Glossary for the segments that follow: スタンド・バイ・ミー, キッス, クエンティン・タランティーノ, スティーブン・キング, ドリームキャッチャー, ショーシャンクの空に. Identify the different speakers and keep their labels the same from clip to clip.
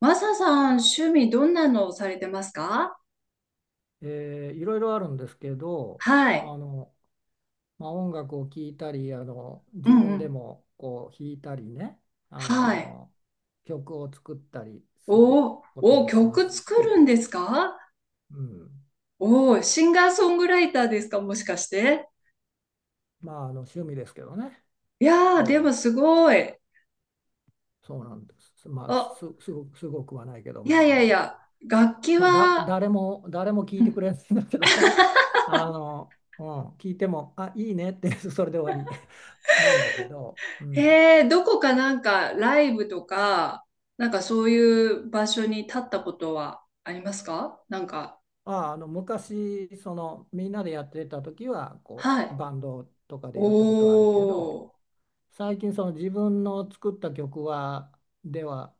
Speaker 1: マサさん、趣味どんなのをされてますか？
Speaker 2: いろいろあるんですけど、
Speaker 1: は
Speaker 2: まあ
Speaker 1: い。
Speaker 2: あのまあ、音楽を聴いたり、
Speaker 1: う
Speaker 2: 自
Speaker 1: んう
Speaker 2: 分で
Speaker 1: ん。
Speaker 2: もこう弾いたりね、あ
Speaker 1: はい。
Speaker 2: の曲を作ったりする
Speaker 1: おー
Speaker 2: こと
Speaker 1: おー、
Speaker 2: もしま
Speaker 1: 曲
Speaker 2: す
Speaker 1: 作る
Speaker 2: し。
Speaker 1: んですか？
Speaker 2: うん、
Speaker 1: おー、シンガーソングライターですか？もしかして。
Speaker 2: まあ、あの趣味ですけどね。
Speaker 1: いやー、でも
Speaker 2: ええ、
Speaker 1: すごい。
Speaker 2: そうなんです。まあ、
Speaker 1: あ、
Speaker 2: すごく、すごくはないけど、
Speaker 1: い
Speaker 2: ま
Speaker 1: やい
Speaker 2: ああ
Speaker 1: やい
Speaker 2: の
Speaker 1: や、楽器
Speaker 2: まあ、
Speaker 1: は、
Speaker 2: 誰も聴い
Speaker 1: う
Speaker 2: てく
Speaker 1: ん。
Speaker 2: れないんだけどね。 うん、聞いても「あ、いいね」って、 それで終わり なんだけど。うん。
Speaker 1: どこかなんかライブとか、なんかそういう場所に立ったことはありますか？なんか、
Speaker 2: ああ、昔みんなでやってた時はこ
Speaker 1: は
Speaker 2: う
Speaker 1: い。
Speaker 2: バンドとかでやったことはあるけど、
Speaker 1: おー、
Speaker 2: 最近自分の作った曲は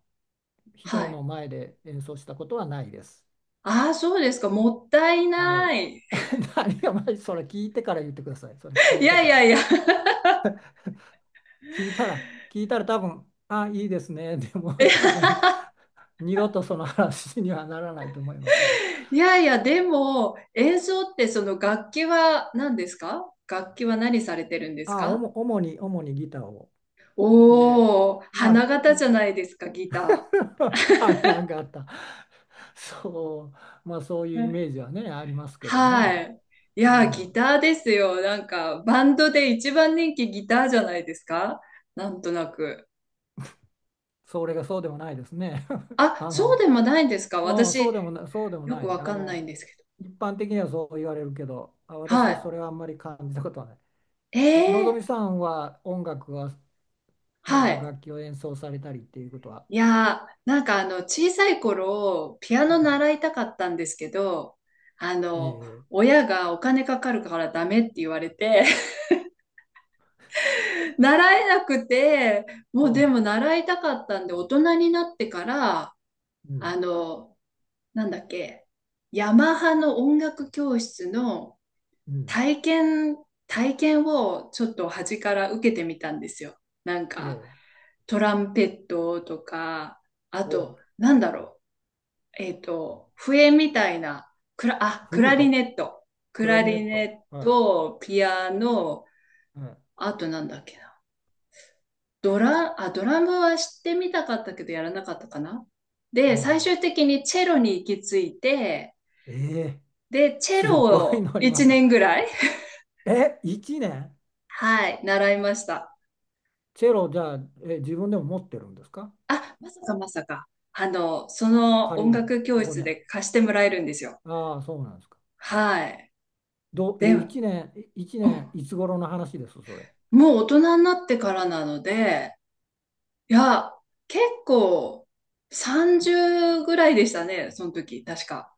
Speaker 1: は
Speaker 2: 人
Speaker 1: い。
Speaker 2: の前で演奏したことはないです。
Speaker 1: ああ、そうですか。もったい
Speaker 2: はい。
Speaker 1: ない。
Speaker 2: 何が。まあ、それ聞いてから言ってください。それ聞
Speaker 1: い
Speaker 2: いて
Speaker 1: やい
Speaker 2: か
Speaker 1: や
Speaker 2: ら。
Speaker 1: いや。
Speaker 2: 聞いたら、多分「あ、いいですね」。でも多分 二度とその話にはならないと思いますけど。
Speaker 1: いやいや、でも、演奏ってその楽器は何ですか？楽器は何されてるんです
Speaker 2: あお
Speaker 1: か？
Speaker 2: も主にギターを。で、
Speaker 1: おおー、
Speaker 2: ま
Speaker 1: 花
Speaker 2: あ、
Speaker 1: 形じゃないですか、ギタ
Speaker 2: 花形。そう、まあ、そう
Speaker 1: ー。
Speaker 2: いう
Speaker 1: う
Speaker 2: イメ
Speaker 1: ん。
Speaker 2: ージはね、ありますけど
Speaker 1: は
Speaker 2: ね。
Speaker 1: い。い
Speaker 2: う
Speaker 1: や、ギ
Speaker 2: ん。
Speaker 1: ターですよ。なんか、バンドで一番人気ギターじゃないですか？なんとなく。
Speaker 2: それがそうでもないですね。
Speaker 1: あ、
Speaker 2: あ
Speaker 1: そう
Speaker 2: の、
Speaker 1: でもないんですか？
Speaker 2: うん、
Speaker 1: 私、
Speaker 2: そうでも
Speaker 1: よ
Speaker 2: な
Speaker 1: く
Speaker 2: い。
Speaker 1: わかんないんですけど。
Speaker 2: 一般的にはそう言われるけど、あ、私は
Speaker 1: は
Speaker 2: それはあんまり感じたことはない。
Speaker 1: い。
Speaker 2: え、
Speaker 1: え
Speaker 2: のぞ
Speaker 1: ー、
Speaker 2: みさんは音楽は、なん
Speaker 1: は
Speaker 2: か
Speaker 1: い。
Speaker 2: 楽器を演奏されたりっていうことは？
Speaker 1: いやー、なんか小さい頃、ピア
Speaker 2: う
Speaker 1: ノ
Speaker 2: ん。
Speaker 1: 習いたかったんですけど、あの、
Speaker 2: ええ。
Speaker 1: 親がお金かかるからダメって言われて、習えなくて、もう
Speaker 2: あ
Speaker 1: でも習いたかったんで、大人になってから、
Speaker 2: う
Speaker 1: あ
Speaker 2: ん、
Speaker 1: の、なんだっけ、ヤマハの音楽教室の
Speaker 2: うん、
Speaker 1: 体験、体験をちょっと端から受けてみたんですよ。なんか、
Speaker 2: ええ。
Speaker 1: トランペットとか、あ
Speaker 2: お、
Speaker 1: と、なんだろう。笛みたいな、あ、
Speaker 2: フ
Speaker 1: ク
Speaker 2: ル
Speaker 1: ラ
Speaker 2: ー
Speaker 1: リ
Speaker 2: ト、
Speaker 1: ネット。ク
Speaker 2: クラ
Speaker 1: ラ
Speaker 2: リネッ
Speaker 1: リ
Speaker 2: ト、
Speaker 1: ネッ
Speaker 2: は
Speaker 1: ト、ピアノ、
Speaker 2: い、はい。
Speaker 1: あとなんだっけな。あ、ドラムは知ってみたかったけどやらなかったかな。
Speaker 2: う
Speaker 1: で、最
Speaker 2: ん、
Speaker 1: 終的にチェロに行き着いて、
Speaker 2: ええ、
Speaker 1: で、チェ
Speaker 2: す
Speaker 1: ロ
Speaker 2: ごい
Speaker 1: を
Speaker 2: のにま
Speaker 1: 1
Speaker 2: た。
Speaker 1: 年ぐらい、
Speaker 2: え、1年？
Speaker 1: はい、習いました。
Speaker 2: チェロじゃあ、え、自分でも持ってるんですか？
Speaker 1: あ、まさかまさか。その
Speaker 2: 借
Speaker 1: 音
Speaker 2: りるの
Speaker 1: 楽教
Speaker 2: そこ
Speaker 1: 室
Speaker 2: に
Speaker 1: で貸してもらえるんですよ。
Speaker 2: ああ、そうなんですか。
Speaker 1: はい。
Speaker 2: どう、
Speaker 1: で、
Speaker 2: え、
Speaker 1: うん、
Speaker 2: 1年、1年、いつ頃の話です、それ。
Speaker 1: もう大人になってからなので、いや、結構30ぐらいでしたね、その時、確か。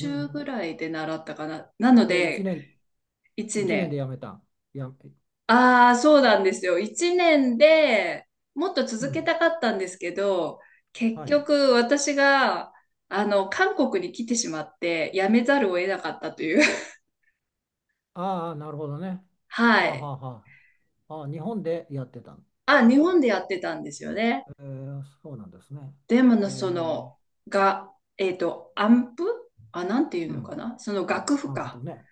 Speaker 2: う
Speaker 1: ぐ
Speaker 2: ん
Speaker 1: らいで習ったかな。な
Speaker 2: う
Speaker 1: の
Speaker 2: ん。で、1
Speaker 1: で、
Speaker 2: 年、
Speaker 1: 1
Speaker 2: 一年で
Speaker 1: 年。
Speaker 2: やめたん？や、
Speaker 1: ああ、そうなんですよ。1年でもっと
Speaker 2: う
Speaker 1: 続け
Speaker 2: ん。
Speaker 1: たかったんですけど、結
Speaker 2: はい。
Speaker 1: 局私が、韓国に来てしまって、辞めざるを得なかったという。
Speaker 2: ああ、なるほどね。
Speaker 1: は
Speaker 2: はあは
Speaker 1: い。
Speaker 2: あはあ。ああ、日本でやってたん？
Speaker 1: あ、
Speaker 2: じ
Speaker 1: 日
Speaker 2: ゃあ、
Speaker 1: 本でやってたんですよね。
Speaker 2: そうなんですね。
Speaker 1: でも
Speaker 2: え
Speaker 1: の、その、
Speaker 2: ー
Speaker 1: が、アンプ、あ、なんていう
Speaker 2: う
Speaker 1: のか
Speaker 2: ん。
Speaker 1: な、その楽譜
Speaker 2: アン
Speaker 1: か。
Speaker 2: プね。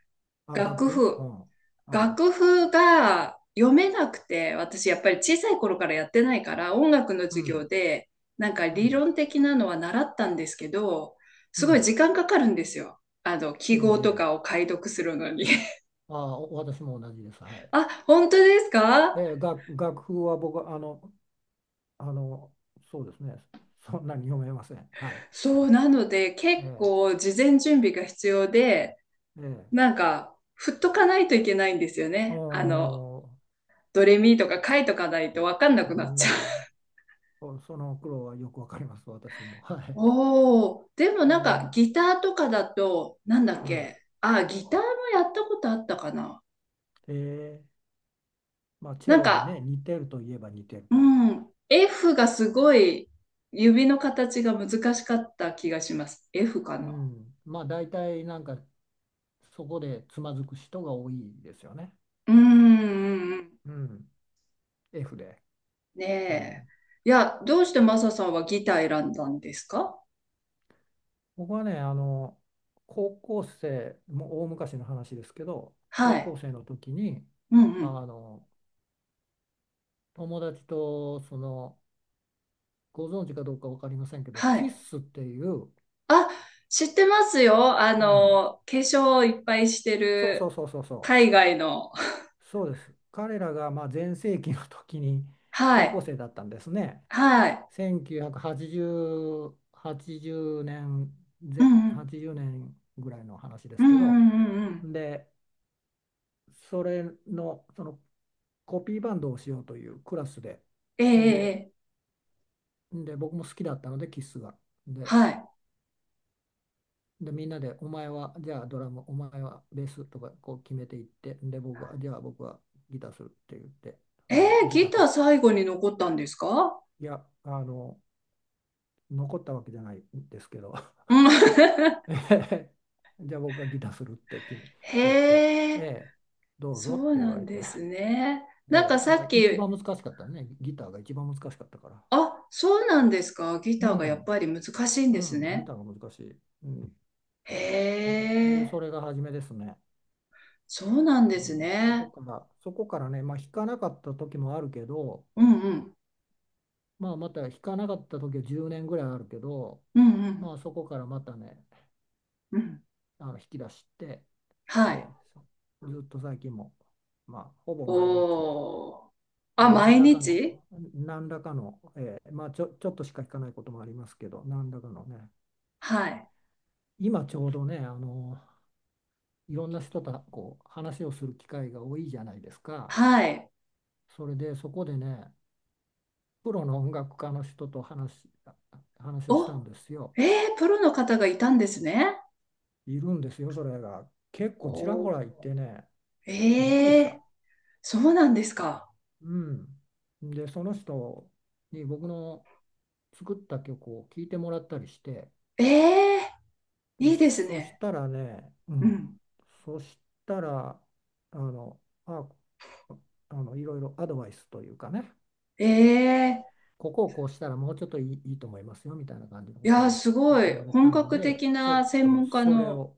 Speaker 2: あ、楽
Speaker 1: 楽
Speaker 2: 譜、う
Speaker 1: 譜。
Speaker 2: ん。うん。
Speaker 1: 楽譜が読めなくて、私やっぱり小さい頃からやってないから、音楽の
Speaker 2: う
Speaker 1: 授業
Speaker 2: ん
Speaker 1: で、なんか
Speaker 2: う
Speaker 1: 理
Speaker 2: ん、
Speaker 1: 論的なのは習ったんですけど、
Speaker 2: う
Speaker 1: すごい
Speaker 2: ん、
Speaker 1: 時間かかるんですよ。
Speaker 2: え
Speaker 1: 記号と
Speaker 2: え、ええ。
Speaker 1: かを解読するのに。
Speaker 2: ああ、私も同じです。はい。
Speaker 1: あ、本当です
Speaker 2: え
Speaker 1: か？
Speaker 2: え、楽譜は僕は、あの、そうですね、そんなに読めません。はい。
Speaker 1: そう、なので結
Speaker 2: え
Speaker 1: 構事前準備が必要で、
Speaker 2: え、ええ、
Speaker 1: なんか、振っとかないといけないんですよ
Speaker 2: お
Speaker 1: ね。
Speaker 2: ー、
Speaker 1: ドレミとか書いとかないとわかんな
Speaker 2: う
Speaker 1: くなっちゃ
Speaker 2: ん。
Speaker 1: う。
Speaker 2: その苦労はよくわかります。私も。はい。
Speaker 1: おお、でも
Speaker 2: え
Speaker 1: なんか
Speaker 2: え、
Speaker 1: ギターとかだと、なんだっ
Speaker 2: うん、
Speaker 1: け、あ、ギターもやったことあったかな？
Speaker 2: ええ、まあ、チェ
Speaker 1: なん
Speaker 2: ロにね、
Speaker 1: か、
Speaker 2: 似てるといえば似てる
Speaker 1: う
Speaker 2: から。
Speaker 1: ん、F がすごい指の形が難しかった気がします。F か
Speaker 2: う
Speaker 1: な？
Speaker 2: ん、まあ、大体なんか、そこでつまずく人が多いですよね。
Speaker 1: うん、うんうん、
Speaker 2: うん、F で。
Speaker 1: ね
Speaker 2: う
Speaker 1: え。
Speaker 2: ん、
Speaker 1: いや、どうしてマサさんはギター選んだんですか？
Speaker 2: 僕はね、あの、高校生、もう大昔の話ですけど、
Speaker 1: は
Speaker 2: 高
Speaker 1: い。
Speaker 2: 校生の時に、
Speaker 1: うんう
Speaker 2: あ
Speaker 1: ん。
Speaker 2: の、友達と、ご存知かどうか分かりませんけど、
Speaker 1: は
Speaker 2: キ
Speaker 1: い。
Speaker 2: ッスっていう、
Speaker 1: あ、知ってますよ。
Speaker 2: うん、
Speaker 1: 化粧をいっぱいして
Speaker 2: そうそう
Speaker 1: る
Speaker 2: そうそうそ
Speaker 1: 海外の。
Speaker 2: う、そうです。彼らが、まあ、全盛期の時に
Speaker 1: は
Speaker 2: 高校
Speaker 1: い。
Speaker 2: 生だったんですね。
Speaker 1: はい。
Speaker 2: 1980、80年、
Speaker 1: うん
Speaker 2: ぜ
Speaker 1: うん。
Speaker 2: 80年ぐらいの話で
Speaker 1: う
Speaker 2: す
Speaker 1: ん
Speaker 2: け
Speaker 1: う
Speaker 2: ど、
Speaker 1: んうんうん。
Speaker 2: で、それの、そのコピーバンドをしようというクラスで、
Speaker 1: え
Speaker 2: で、
Speaker 1: えええ。
Speaker 2: で僕も好きだったので、キスが。で、
Speaker 1: はい。
Speaker 2: でみんなで、お前はじゃあドラム、お前はベースとかこう決めていって、で、僕は、じゃあ僕はギターするって言って、
Speaker 1: え
Speaker 2: で、
Speaker 1: え、
Speaker 2: ギ
Speaker 1: ギ
Speaker 2: ター
Speaker 1: タ
Speaker 2: 買っ
Speaker 1: ー
Speaker 2: て。
Speaker 1: 最後に残ったんですか？
Speaker 2: いや、あの、残ったわけじゃないんですけど、
Speaker 1: うん。
Speaker 2: ええ、じゃあ僕がギターするって君言って、
Speaker 1: へ
Speaker 2: え
Speaker 1: え、
Speaker 2: え、どう
Speaker 1: そ
Speaker 2: ぞっ
Speaker 1: う
Speaker 2: て言
Speaker 1: な
Speaker 2: わ
Speaker 1: ん
Speaker 2: れ
Speaker 1: で
Speaker 2: て、
Speaker 1: すね。なんか
Speaker 2: ええ、
Speaker 1: さ
Speaker 2: まあ、
Speaker 1: っ
Speaker 2: 一
Speaker 1: き、
Speaker 2: 番難しかったね、ギターが一番難しかったから。
Speaker 1: あ、そうなんですか。ギ
Speaker 2: う
Speaker 1: ターがやっ
Speaker 2: ん、
Speaker 1: ぱり難しいん
Speaker 2: う
Speaker 1: です
Speaker 2: ん、ギ
Speaker 1: ね。
Speaker 2: ターが難しい。うん。
Speaker 1: へ
Speaker 2: で、
Speaker 1: え、
Speaker 2: それが初めですね。
Speaker 1: そうなん
Speaker 2: う
Speaker 1: です
Speaker 2: ん。
Speaker 1: ね。
Speaker 2: そこからね、まあ、弾かなかった時もあるけど、
Speaker 1: うんうん。
Speaker 2: まあ、また弾かなかった時は10年ぐらいあるけど、
Speaker 1: うんうん
Speaker 2: まあ、そこからまたね、
Speaker 1: うん。
Speaker 2: 弾き出して、
Speaker 1: はい。
Speaker 2: えーずっと最近も、まあ、ほぼ毎日、
Speaker 1: おー。あ、
Speaker 2: えー何
Speaker 1: 毎
Speaker 2: らか
Speaker 1: 日。
Speaker 2: の、何らかの、まあ、ちょっとしか弾かないこともありますけど、何らかのね、
Speaker 1: はい。
Speaker 2: 今ちょうどね、あの、いろんな人とこう話をする機会が多いじゃないですか。
Speaker 1: はい。
Speaker 2: それでそこでね、プロの音楽家の人と話をした
Speaker 1: お、
Speaker 2: んですよ。
Speaker 1: プロの方がいたんですね。
Speaker 2: いるんですよ、それが。結構ちら
Speaker 1: お、
Speaker 2: ほらいてね、びっくり
Speaker 1: え
Speaker 2: した。
Speaker 1: え、そうなんですか。
Speaker 2: うん。で、その人に僕の作った曲を聴いてもらったりして、
Speaker 1: ええ、
Speaker 2: で
Speaker 1: いいです
Speaker 2: そし
Speaker 1: ね。
Speaker 2: たらね、う
Speaker 1: う
Speaker 2: ん。
Speaker 1: ん。
Speaker 2: そしたら、あの、あ、あの、いろいろアドバイスというかね、
Speaker 1: ええ、
Speaker 2: ここをこうしたらもうちょっといいと思いますよみたいな感じの
Speaker 1: い
Speaker 2: ことを
Speaker 1: やー、すご
Speaker 2: 言
Speaker 1: い。
Speaker 2: われ
Speaker 1: 本
Speaker 2: たの
Speaker 1: 格
Speaker 2: で、
Speaker 1: 的
Speaker 2: ちょっ
Speaker 1: な専
Speaker 2: と
Speaker 1: 門家
Speaker 2: それ
Speaker 1: の、
Speaker 2: を、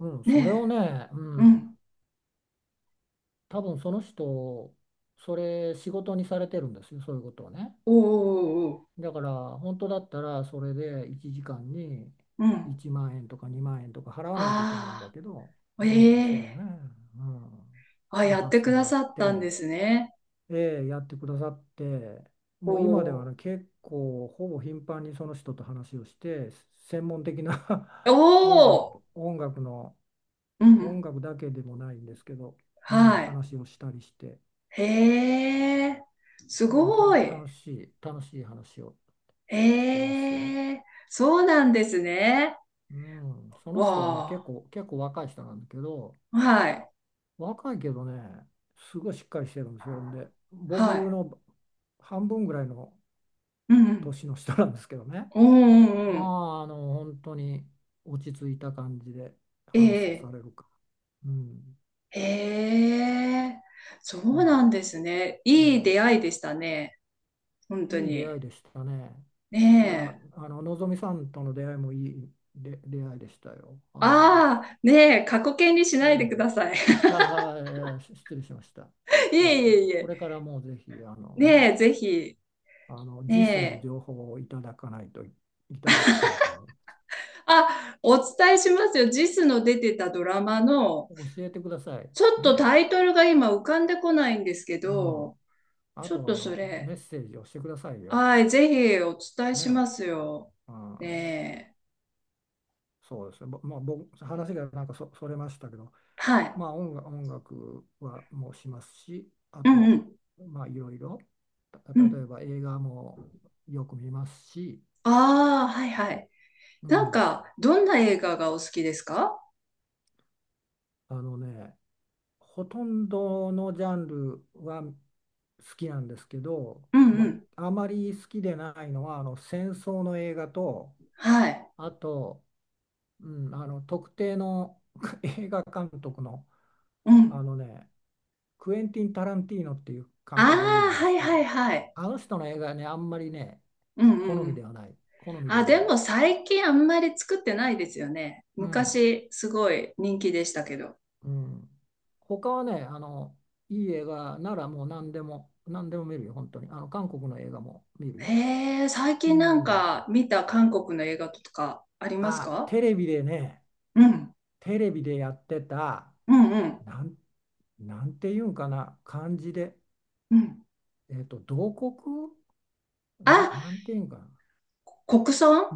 Speaker 2: うん、それを
Speaker 1: ね
Speaker 2: ね、
Speaker 1: え、
Speaker 2: う
Speaker 1: う
Speaker 2: ん、
Speaker 1: ん。
Speaker 2: 多分その人、それ仕事にされてるんですよ、そういうことをね。
Speaker 1: おーおーおー。
Speaker 2: だから本当だったらそれで1時間に
Speaker 1: うん。
Speaker 2: 1万円とか2万円とか払わないといけないんだけど、
Speaker 1: ああ、
Speaker 2: うん、それを
Speaker 1: え
Speaker 2: ね、
Speaker 1: え、
Speaker 2: うん、
Speaker 1: あ、や
Speaker 2: 話
Speaker 1: っ
Speaker 2: さ
Speaker 1: て
Speaker 2: せ
Speaker 1: く
Speaker 2: ても
Speaker 1: だ
Speaker 2: らっ
Speaker 1: さったん
Speaker 2: て。
Speaker 1: ですね。
Speaker 2: ええ、やってくださって、
Speaker 1: お
Speaker 2: もう今では
Speaker 1: ー。
Speaker 2: ね、結構ほぼ頻繁にその人と話をして、専門的な
Speaker 1: お ー、
Speaker 2: 音楽の、
Speaker 1: うんう
Speaker 2: 音
Speaker 1: ん。
Speaker 2: 楽だけでもないんですけど、うん、
Speaker 1: はい。
Speaker 2: 話をしたりして、
Speaker 1: へえ、す
Speaker 2: うん、
Speaker 1: ごい。
Speaker 2: 楽しい話をしてますよ。
Speaker 1: ええ、そうなんですね。
Speaker 2: うん、その人はね、
Speaker 1: わ
Speaker 2: 結構若い人なんだけど、
Speaker 1: あ、はい、
Speaker 2: 若いけどね、すごいしっかりしてるんですよ。で、僕
Speaker 1: はい。
Speaker 2: の半分ぐらいの
Speaker 1: うんうん
Speaker 2: 年の人なんですけどね。
Speaker 1: うんうんう
Speaker 2: ま
Speaker 1: ん。
Speaker 2: あ、あの、本当に落ち着いた感じで
Speaker 1: え
Speaker 2: 話さ
Speaker 1: え、
Speaker 2: れるか。うん。
Speaker 1: ええ、そうな
Speaker 2: ま
Speaker 1: んですね。
Speaker 2: あ、
Speaker 1: いい出会いでしたね。本当
Speaker 2: いい出会い
Speaker 1: に。
Speaker 2: でしたね。い
Speaker 1: ね
Speaker 2: や、
Speaker 1: え。
Speaker 2: あの、のぞみさんとの出会いもいいで出会いでしたよ。あの、
Speaker 1: ああ、ねえ、過去形にし
Speaker 2: え
Speaker 1: ないでく
Speaker 2: え。
Speaker 1: ださい。
Speaker 2: ああ、ええし失礼しました。
Speaker 1: い
Speaker 2: え
Speaker 1: えい
Speaker 2: え、
Speaker 1: えい
Speaker 2: これ
Speaker 1: え。
Speaker 2: からもぜひ、あの
Speaker 1: ね
Speaker 2: ね、
Speaker 1: え、ぜひ。
Speaker 2: あの、
Speaker 1: ね
Speaker 2: JIS の
Speaker 1: え。
Speaker 2: 情報をいただきたいと思い
Speaker 1: あ、お伝えしますよ。JIS の出てたドラマの、
Speaker 2: ます。教えてください。
Speaker 1: ちょっと
Speaker 2: ね。
Speaker 1: タイトルが今浮かんでこないんですけ
Speaker 2: う
Speaker 1: ど、
Speaker 2: ん。あ
Speaker 1: ちょっ
Speaker 2: と、
Speaker 1: と
Speaker 2: あ
Speaker 1: そ
Speaker 2: の、
Speaker 1: れ、
Speaker 2: メッセージをしてくださいよ。
Speaker 1: はい、ぜひお伝えしま
Speaker 2: ね。
Speaker 1: すよ。
Speaker 2: うん、
Speaker 1: ね
Speaker 2: そうですね。まあ、僕、話がなんかそれましたけど、
Speaker 1: え。はい。
Speaker 2: まあ、音楽はもうしますし、あ
Speaker 1: うんう
Speaker 2: と、
Speaker 1: ん。
Speaker 2: まあ、いろいろ、
Speaker 1: う
Speaker 2: 例
Speaker 1: ん。
Speaker 2: えば映画もよく見ますし、
Speaker 1: ああ、はいはい。
Speaker 2: う
Speaker 1: なん
Speaker 2: ん、
Speaker 1: か、どんな映画がお好きですか？
Speaker 2: あのね、ほとんどのジャンルは好きなんですけど、
Speaker 1: うんう
Speaker 2: ま
Speaker 1: ん。
Speaker 2: あ、あまり好きでないのはあの戦争の映画と、
Speaker 1: はい。
Speaker 2: あと、うん、あの特定の 映画監督の、
Speaker 1: う
Speaker 2: あ
Speaker 1: ん。
Speaker 2: のね、クエンティン・タランティーノっていう
Speaker 1: あ
Speaker 2: 監督がいるじゃ
Speaker 1: あ、
Speaker 2: ないで
Speaker 1: は
Speaker 2: す
Speaker 1: いはい
Speaker 2: か。
Speaker 1: はい。
Speaker 2: あの人の映画ね、あんまりね、
Speaker 1: うんう
Speaker 2: 好
Speaker 1: んう
Speaker 2: みで
Speaker 1: ん。
Speaker 2: はない。好みで
Speaker 1: あ、
Speaker 2: は
Speaker 1: で
Speaker 2: ない。
Speaker 1: も最近あんまり作ってないですよね。
Speaker 2: うん。
Speaker 1: 昔すごい人気でしたけど。
Speaker 2: うん。他はね、あの、いい映画ならもう何でも、何でも見るよ、本当に。あの、韓国の映画も見る
Speaker 1: へ
Speaker 2: よ。
Speaker 1: え、最
Speaker 2: う
Speaker 1: 近なん
Speaker 2: ん。
Speaker 1: か見た韓国の映画とかあります
Speaker 2: あ、
Speaker 1: か？
Speaker 2: テレビでね、
Speaker 1: うん。
Speaker 2: テレビでやってた、
Speaker 1: うんうん
Speaker 2: なん、なんていうんかな、漢字で、
Speaker 1: うん。
Speaker 2: えっと、同国な、
Speaker 1: あ、
Speaker 2: なんていうんかな、
Speaker 1: 国村、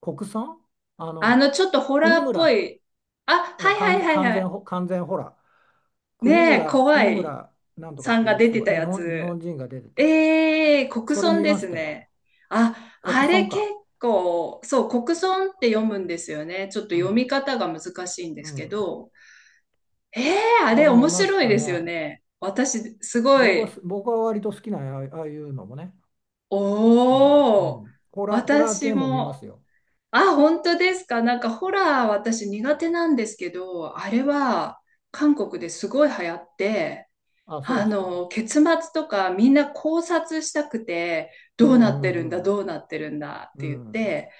Speaker 2: 国産、あの、
Speaker 1: ちょっとホラー
Speaker 2: 国
Speaker 1: っぽ
Speaker 2: 村、
Speaker 1: い。あ、はいはいはいはい。
Speaker 2: 完全ほら、
Speaker 1: ねえ、怖
Speaker 2: 国
Speaker 1: い
Speaker 2: 村なんとかっ
Speaker 1: さん
Speaker 2: てい
Speaker 1: が
Speaker 2: う
Speaker 1: 出
Speaker 2: 人
Speaker 1: て
Speaker 2: が、
Speaker 1: たや
Speaker 2: 日
Speaker 1: つ。
Speaker 2: 本人が出てた。
Speaker 1: ええ、国
Speaker 2: それ
Speaker 1: 村
Speaker 2: 見
Speaker 1: で
Speaker 2: まし
Speaker 1: す
Speaker 2: たよ。
Speaker 1: ね。あ、
Speaker 2: 国
Speaker 1: あ
Speaker 2: 村
Speaker 1: れ結
Speaker 2: か。
Speaker 1: 構、そう、国村って読むんですよね。ちょっと
Speaker 2: う
Speaker 1: 読
Speaker 2: ん。
Speaker 1: み方が難しいんで
Speaker 2: う
Speaker 1: すけ
Speaker 2: ん。
Speaker 1: ど。ええ。あ
Speaker 2: あ
Speaker 1: れ
Speaker 2: れ
Speaker 1: 面
Speaker 2: 見まし
Speaker 1: 白い
Speaker 2: た
Speaker 1: ですよ
Speaker 2: ね。
Speaker 1: ね。私、すごい、
Speaker 2: 僕は割と好きな、ああいうのもね。うん。う
Speaker 1: おー、
Speaker 2: ん。ホラー
Speaker 1: 私
Speaker 2: 系も見ます
Speaker 1: も、
Speaker 2: よ。
Speaker 1: あ、本当ですか。なんかホラー私苦手なんですけど、あれは韓国ですごい流行って、
Speaker 2: あ、そうですか。
Speaker 1: 結末とかみんな考察したくて、
Speaker 2: う
Speaker 1: ど
Speaker 2: ん
Speaker 1: うなっ
Speaker 2: う
Speaker 1: てるん
Speaker 2: ん
Speaker 1: だ、
Speaker 2: うん。
Speaker 1: どうなってるんだっ
Speaker 2: う
Speaker 1: て言っ
Speaker 2: ん。
Speaker 1: て、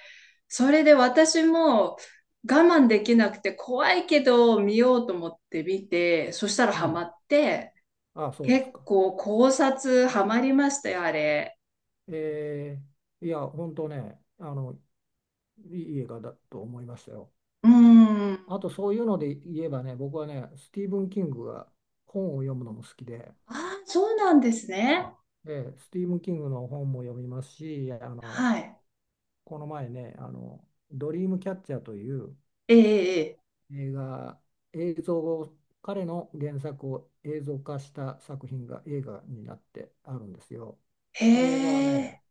Speaker 1: それで私も我慢できなくて怖いけど見ようと思って見て、そしたら
Speaker 2: う
Speaker 1: ハマ
Speaker 2: ん。
Speaker 1: って、
Speaker 2: あ、そうで
Speaker 1: 結
Speaker 2: すか。
Speaker 1: 構考察ハマりましたよ、あれ。
Speaker 2: えいや、本当ね、あの、いい映画だと思いましたよ。
Speaker 1: うーん。
Speaker 2: あと、そういうので言えばね、僕はね、スティーブン・キングが本を読むのも好きで、
Speaker 1: ああ、そうなんですね。
Speaker 2: で、スティーブン・キングの本も読みますし、あの、
Speaker 1: はい。
Speaker 2: この前ね、あの、ドリームキャッチャーという、
Speaker 1: ええ、
Speaker 2: 映画、映像を、彼の原作を映像化した作品が映画になってあるんですよ。
Speaker 1: ええ。
Speaker 2: それが
Speaker 1: へ
Speaker 2: ね、
Speaker 1: え。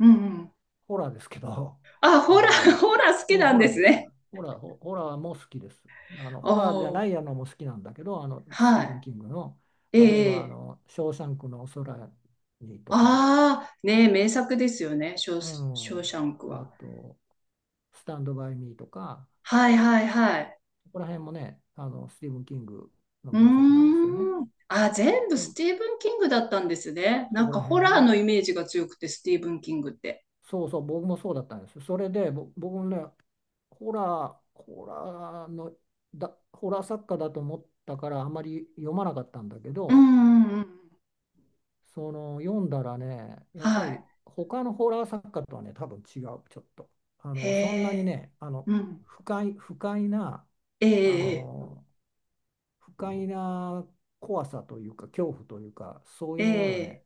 Speaker 1: うんうん。
Speaker 2: ホラーですけど、
Speaker 1: あ、ホラ
Speaker 2: あ
Speaker 1: ー、
Speaker 2: の、
Speaker 1: ホラー好き
Speaker 2: もう
Speaker 1: なん
Speaker 2: ホ
Speaker 1: で
Speaker 2: ラー
Speaker 1: す
Speaker 2: ですよ。
Speaker 1: ね。
Speaker 2: ホラーも好きです。あの、
Speaker 1: お
Speaker 2: ホラーじゃない
Speaker 1: お、
Speaker 2: やのも好きなんだけど、あの、スティ
Speaker 1: は
Speaker 2: ーブン・
Speaker 1: い。
Speaker 2: キングの、例え
Speaker 1: え
Speaker 2: ば、あ
Speaker 1: え。
Speaker 2: の、ショーシャンクの空にとか、
Speaker 1: ああ、ねえ、名作ですよね、
Speaker 2: う
Speaker 1: ショー
Speaker 2: ん、
Speaker 1: シャンク
Speaker 2: あ
Speaker 1: は。
Speaker 2: と、スタンド・バイ・ミーとか、
Speaker 1: はいはいはい。
Speaker 2: そこら辺もね、あの、スティーブン・キングの
Speaker 1: う
Speaker 2: 原作なん
Speaker 1: ー
Speaker 2: ですよね。
Speaker 1: ん。あ、全部
Speaker 2: で
Speaker 1: ス
Speaker 2: も、
Speaker 1: ティーブン・キングだったんですね。な
Speaker 2: そ
Speaker 1: ん
Speaker 2: こ
Speaker 1: か
Speaker 2: ら辺
Speaker 1: ホ
Speaker 2: は
Speaker 1: ラー
Speaker 2: ね、
Speaker 1: のイメージが強くて、スティーブン・キングって。
Speaker 2: そうそう、僕もそうだったんですよ。それで、僕もね、ホラー、ホラーの、ホラー作家だと思ったから、あまり読まなかったんだけ
Speaker 1: うん
Speaker 2: ど、
Speaker 1: うんうん。
Speaker 2: その、読んだらね、や
Speaker 1: は
Speaker 2: っぱ
Speaker 1: い。
Speaker 2: り、他のホラー作家とはね、多分違う、ちょっと。あ
Speaker 1: へ
Speaker 2: の、そんなに
Speaker 1: え。
Speaker 2: ね、あの、
Speaker 1: うん。
Speaker 2: 不快な、
Speaker 1: え
Speaker 2: あ
Speaker 1: え、
Speaker 2: の、不快な怖さというか、恐怖というか、そうい
Speaker 1: え
Speaker 2: うものがね、
Speaker 1: え、ええ。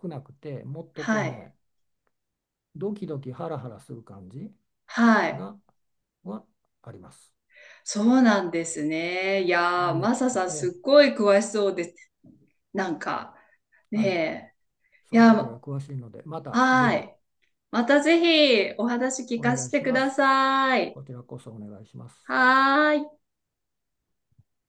Speaker 2: 少なくて、もっとこ
Speaker 1: は
Speaker 2: う
Speaker 1: い。
Speaker 2: ね、ドキドキハラハラする感じ。
Speaker 1: はい。
Speaker 2: が、はあります。
Speaker 1: そうなんですね。い
Speaker 2: な
Speaker 1: やー、
Speaker 2: んで
Speaker 1: マ
Speaker 2: き、
Speaker 1: サさん、すっ
Speaker 2: え
Speaker 1: ごい詳しそうです。なんか、
Speaker 2: ーはい、
Speaker 1: ねえ。い
Speaker 2: そのあたりは
Speaker 1: や、
Speaker 2: 詳しいので、またぜ
Speaker 1: は
Speaker 2: ひ、
Speaker 1: い。またぜひお話聞
Speaker 2: お
Speaker 1: か
Speaker 2: 願
Speaker 1: せ
Speaker 2: い
Speaker 1: て
Speaker 2: し
Speaker 1: く
Speaker 2: ま
Speaker 1: だ
Speaker 2: す。
Speaker 1: さい。
Speaker 2: こちらこそお願いします。
Speaker 1: はーい。